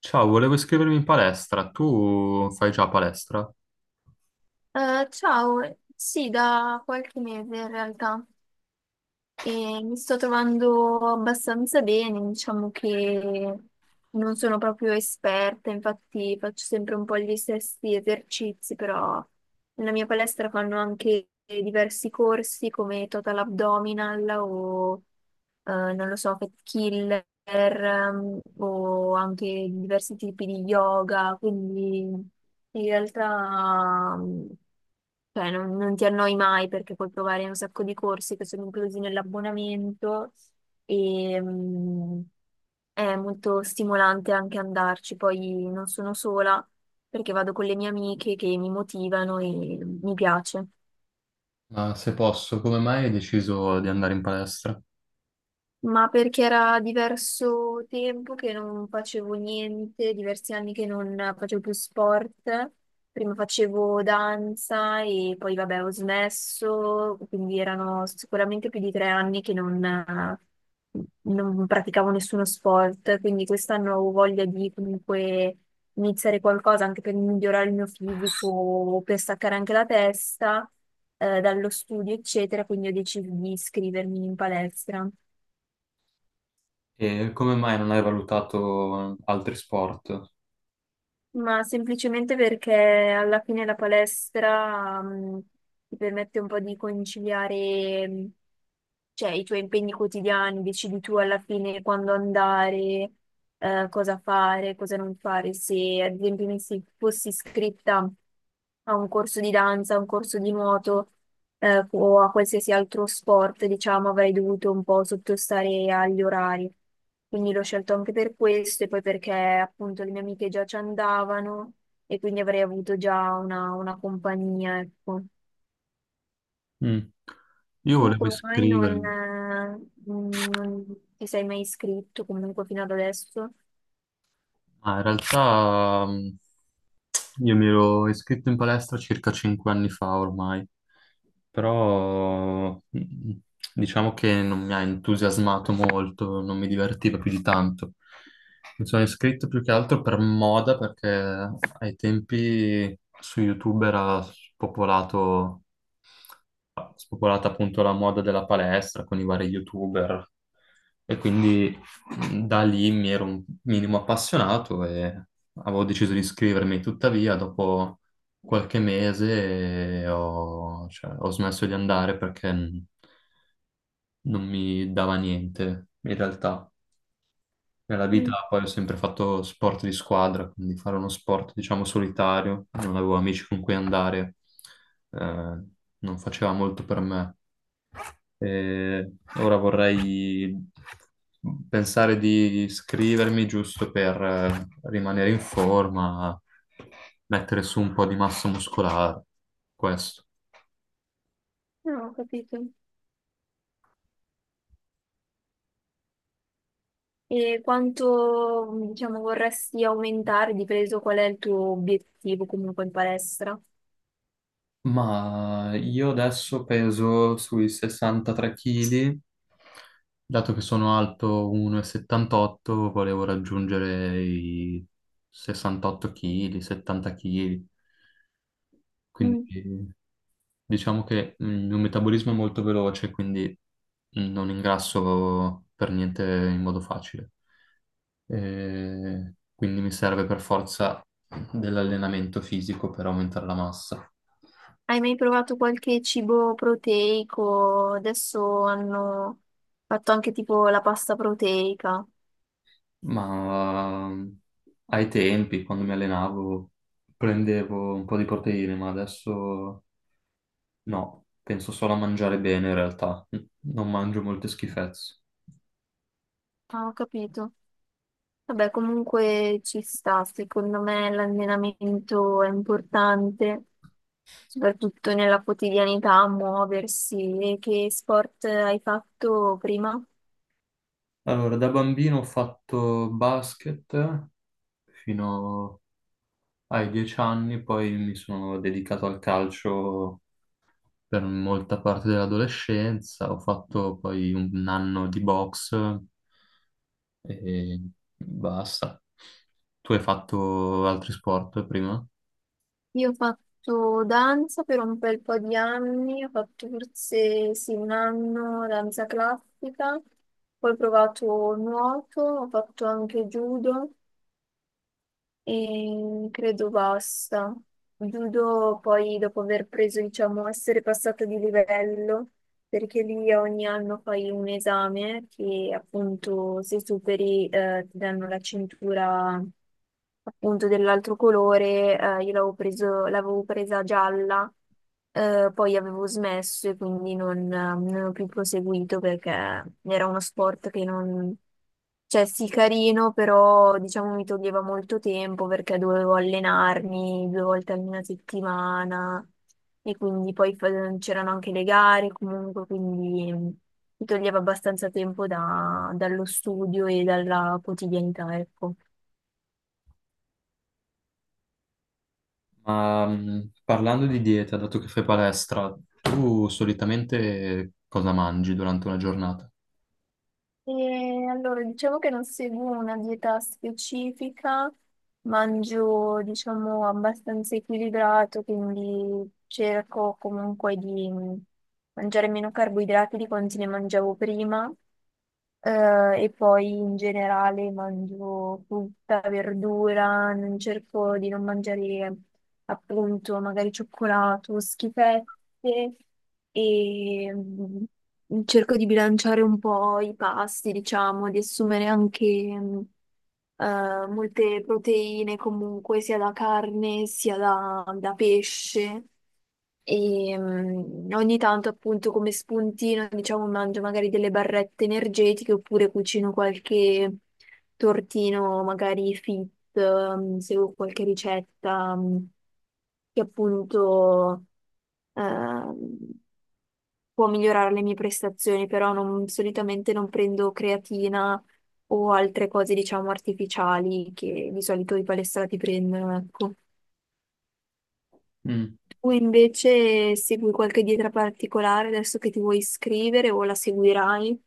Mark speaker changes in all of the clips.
Speaker 1: Ciao, volevo iscrivermi in palestra. Tu fai già palestra?
Speaker 2: Ciao, sì, da qualche mese in realtà, e mi sto trovando abbastanza bene. Diciamo che non sono proprio esperta, infatti faccio sempre un po' gli stessi esercizi, però nella mia palestra fanno anche diversi corsi come total abdominal o non lo so, fat killer, o anche diversi tipi di yoga, quindi in realtà... Cioè, non ti annoi mai perché puoi provare un sacco di corsi che sono inclusi nell'abbonamento, e è molto stimolante anche andarci. Poi non sono sola perché vado con le mie amiche che mi motivano, e mi piace.
Speaker 1: Ma se posso, come mai hai deciso di andare in palestra?
Speaker 2: Ma perché era diverso tempo che non facevo niente, diversi anni che non facevo più sport. Prima facevo danza e poi vabbè ho smesso, quindi erano sicuramente più di 3 anni che non praticavo nessuno sport, quindi quest'anno ho voglia di comunque iniziare qualcosa anche per migliorare il mio fisico, per staccare anche la testa dallo studio, eccetera, quindi ho deciso di iscrivermi in palestra.
Speaker 1: E come mai non hai valutato altri sport?
Speaker 2: Ma semplicemente perché alla fine la palestra, ti permette un po' di conciliare, cioè, i tuoi impegni quotidiani, decidi tu alla fine quando andare, cosa fare, cosa non fare. Se ad esempio fossi iscritta a un corso di danza, a un corso di nuoto, o a qualsiasi altro sport, diciamo, avrei dovuto un po' sottostare agli orari. Quindi l'ho scelto anche per questo, e poi perché appunto le mie amiche già ci andavano, e quindi avrei avuto già una compagnia, ecco.
Speaker 1: Mm. Io
Speaker 2: Tu
Speaker 1: volevo
Speaker 2: come mai non,
Speaker 1: iscrivermi,
Speaker 2: eh, non ti sei mai iscritto comunque fino ad adesso?
Speaker 1: ma in realtà io mi ero iscritto in palestra circa 5 anni fa ormai. Però diciamo che non mi ha entusiasmato molto, non mi divertiva più di tanto. Mi sono iscritto più che altro per moda perché ai tempi su YouTube era popolato spopolata appunto la moda della palestra con i vari YouTuber, e quindi da lì mi ero un minimo appassionato e avevo deciso di iscrivermi. Tuttavia, dopo qualche mese cioè, ho smesso di andare perché non mi dava niente in realtà. Nella
Speaker 2: Mm,
Speaker 1: vita poi ho sempre fatto sport di squadra, quindi fare uno sport, diciamo, solitario, non avevo amici con cui andare, eh, non faceva molto per me. Eh, Ora vorrei pensare di iscrivermi giusto per rimanere in forma, mettere su un po' di massa muscolare, questo.
Speaker 2: no, ho capito. E quanto, diciamo, vorresti aumentare, di peso? Qual è il tuo obiettivo comunque in palestra?
Speaker 1: Ma io adesso peso sui 63 kg, dato che sono alto 1,78, volevo raggiungere i 68 kg, 70 kg,
Speaker 2: Mm.
Speaker 1: quindi... Diciamo che il mio metabolismo è molto veloce, quindi non ingrasso per niente in modo facile. E quindi mi serve per forza dell'allenamento fisico per aumentare la massa.
Speaker 2: Hai mai provato qualche cibo proteico? Adesso hanno fatto anche tipo la pasta proteica.
Speaker 1: Ma ai tempi, quando mi allenavo, prendevo un po' di proteine, ma adesso no, penso solo a mangiare bene in realtà, non mangio molte schifezze.
Speaker 2: Ah, ho capito. Vabbè, comunque ci sta, secondo me l'allenamento è importante, soprattutto nella quotidianità, muoversi. E che sport hai fatto prima?
Speaker 1: Allora, da bambino ho fatto basket fino ai 10 anni, poi mi sono dedicato al calcio per molta parte dell'adolescenza, ho fatto poi 1 anno di box e basta. Tu hai fatto altri sport prima?
Speaker 2: Io ho fatto danza per un bel po' di anni, ho fatto forse sì, un anno danza classica, poi ho provato nuoto, ho fatto anche judo. E credo basta. Judo poi dopo aver preso, diciamo, essere passato di livello, perché lì ogni anno fai un esame che appunto se superi ti danno la cintura appunto dell'altro colore. Io l'avevo presa gialla, poi avevo smesso e quindi non ho più proseguito, perché era uno sport che non, cioè sì, carino, però diciamo mi toglieva molto tempo perché dovevo allenarmi due volte alla settimana, e quindi c'erano anche le gare comunque, quindi mi toglieva abbastanza tempo dallo studio e dalla quotidianità, ecco.
Speaker 1: Ma parlando di dieta, dato che fai palestra, tu solitamente cosa mangi durante una giornata?
Speaker 2: E allora, diciamo che non seguo una dieta specifica, mangio, diciamo, abbastanza equilibrato, quindi cerco comunque di mangiare meno carboidrati di quanti ne mangiavo prima. E poi in generale mangio frutta, verdura, non cerco di non mangiare appunto magari cioccolato, schifette, e cerco di bilanciare un po' i pasti, diciamo, di assumere anche mm, molte proteine comunque, sia da carne sia da pesce. E ogni tanto, appunto, come spuntino, diciamo, mangio magari delle barrette energetiche oppure cucino qualche tortino, magari fit, seguo qualche ricetta, che appunto Ehm, può migliorare le mie prestazioni, però solitamente non prendo creatina o altre cose, diciamo, artificiali che di solito i palestrati prendono, ecco.
Speaker 1: Mm.
Speaker 2: Tu invece segui qualche dieta particolare adesso che ti vuoi iscrivere, o la seguirai?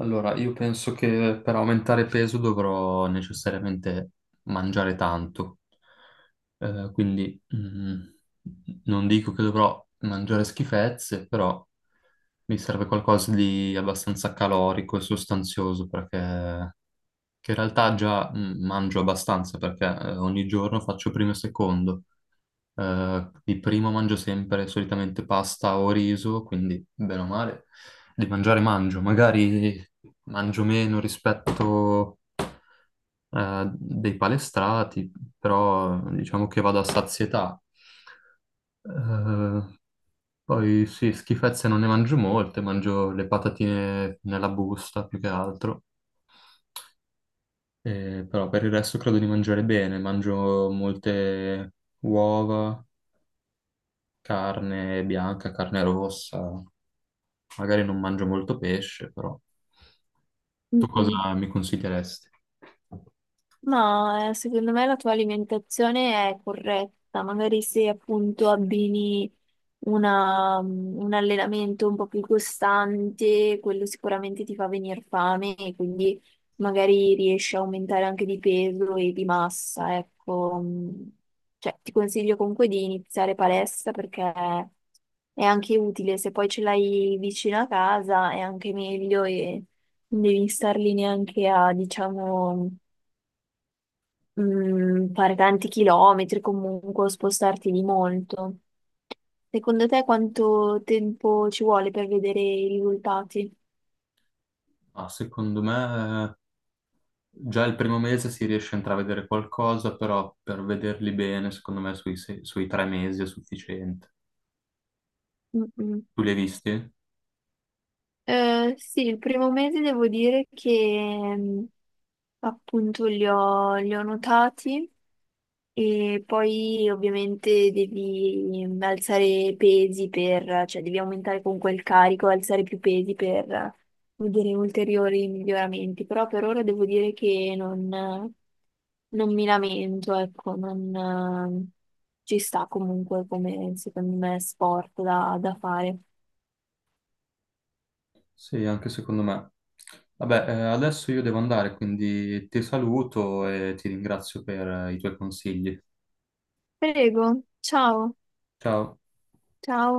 Speaker 1: Allora, io penso che per aumentare peso dovrò necessariamente mangiare tanto. Quindi non dico che dovrò mangiare schifezze, però mi serve qualcosa di abbastanza calorico e sostanzioso, perché che in realtà già mangio abbastanza, perché ogni giorno faccio primo e secondo, di primo mangio sempre solitamente pasta o riso, quindi bene o male di mangiare mangio, magari mangio meno rispetto dei palestrati, però diciamo che vado a sazietà. Eh, Poi sì, schifezze non ne mangio molte, mangio le patatine nella busta più che altro. Però per il resto credo di mangiare bene, mangio molte uova, carne bianca, carne rossa. Magari non mangio molto pesce, però tu
Speaker 2: Mm-mm.
Speaker 1: cosa mi consiglieresti?
Speaker 2: No, secondo me la tua alimentazione è corretta, magari se appunto abbini un allenamento un po' più costante, quello sicuramente ti fa venire fame e quindi magari riesci a aumentare anche di peso e di massa, ecco. Mm. Cioè, ti consiglio comunque di iniziare palestra perché è anche utile, se poi ce l'hai vicino a casa è anche meglio e non devi star lì neanche a, diciamo, fare tanti chilometri comunque o spostarti di molto. Secondo te quanto tempo ci vuole per vedere i risultati?
Speaker 1: Ah, secondo me già il primo mese si riesce a intravedere qualcosa, però per vederli bene, secondo me sui 3 mesi è sufficiente.
Speaker 2: Mm, mm.
Speaker 1: Tu li hai visti?
Speaker 2: Sì, il primo mese devo dire che appunto li ho notati. E poi ovviamente devi alzare pesi per, cioè devi aumentare comunque il carico, alzare più pesi per vedere ulteriori miglioramenti. Però per ora devo dire che non mi lamento, ecco, non ci sta comunque come secondo me sport da fare.
Speaker 1: Sì, anche secondo me. Vabbè, adesso io devo andare, quindi ti saluto e ti ringrazio per i tuoi consigli.
Speaker 2: Prego, ciao,
Speaker 1: Ciao.
Speaker 2: ciao.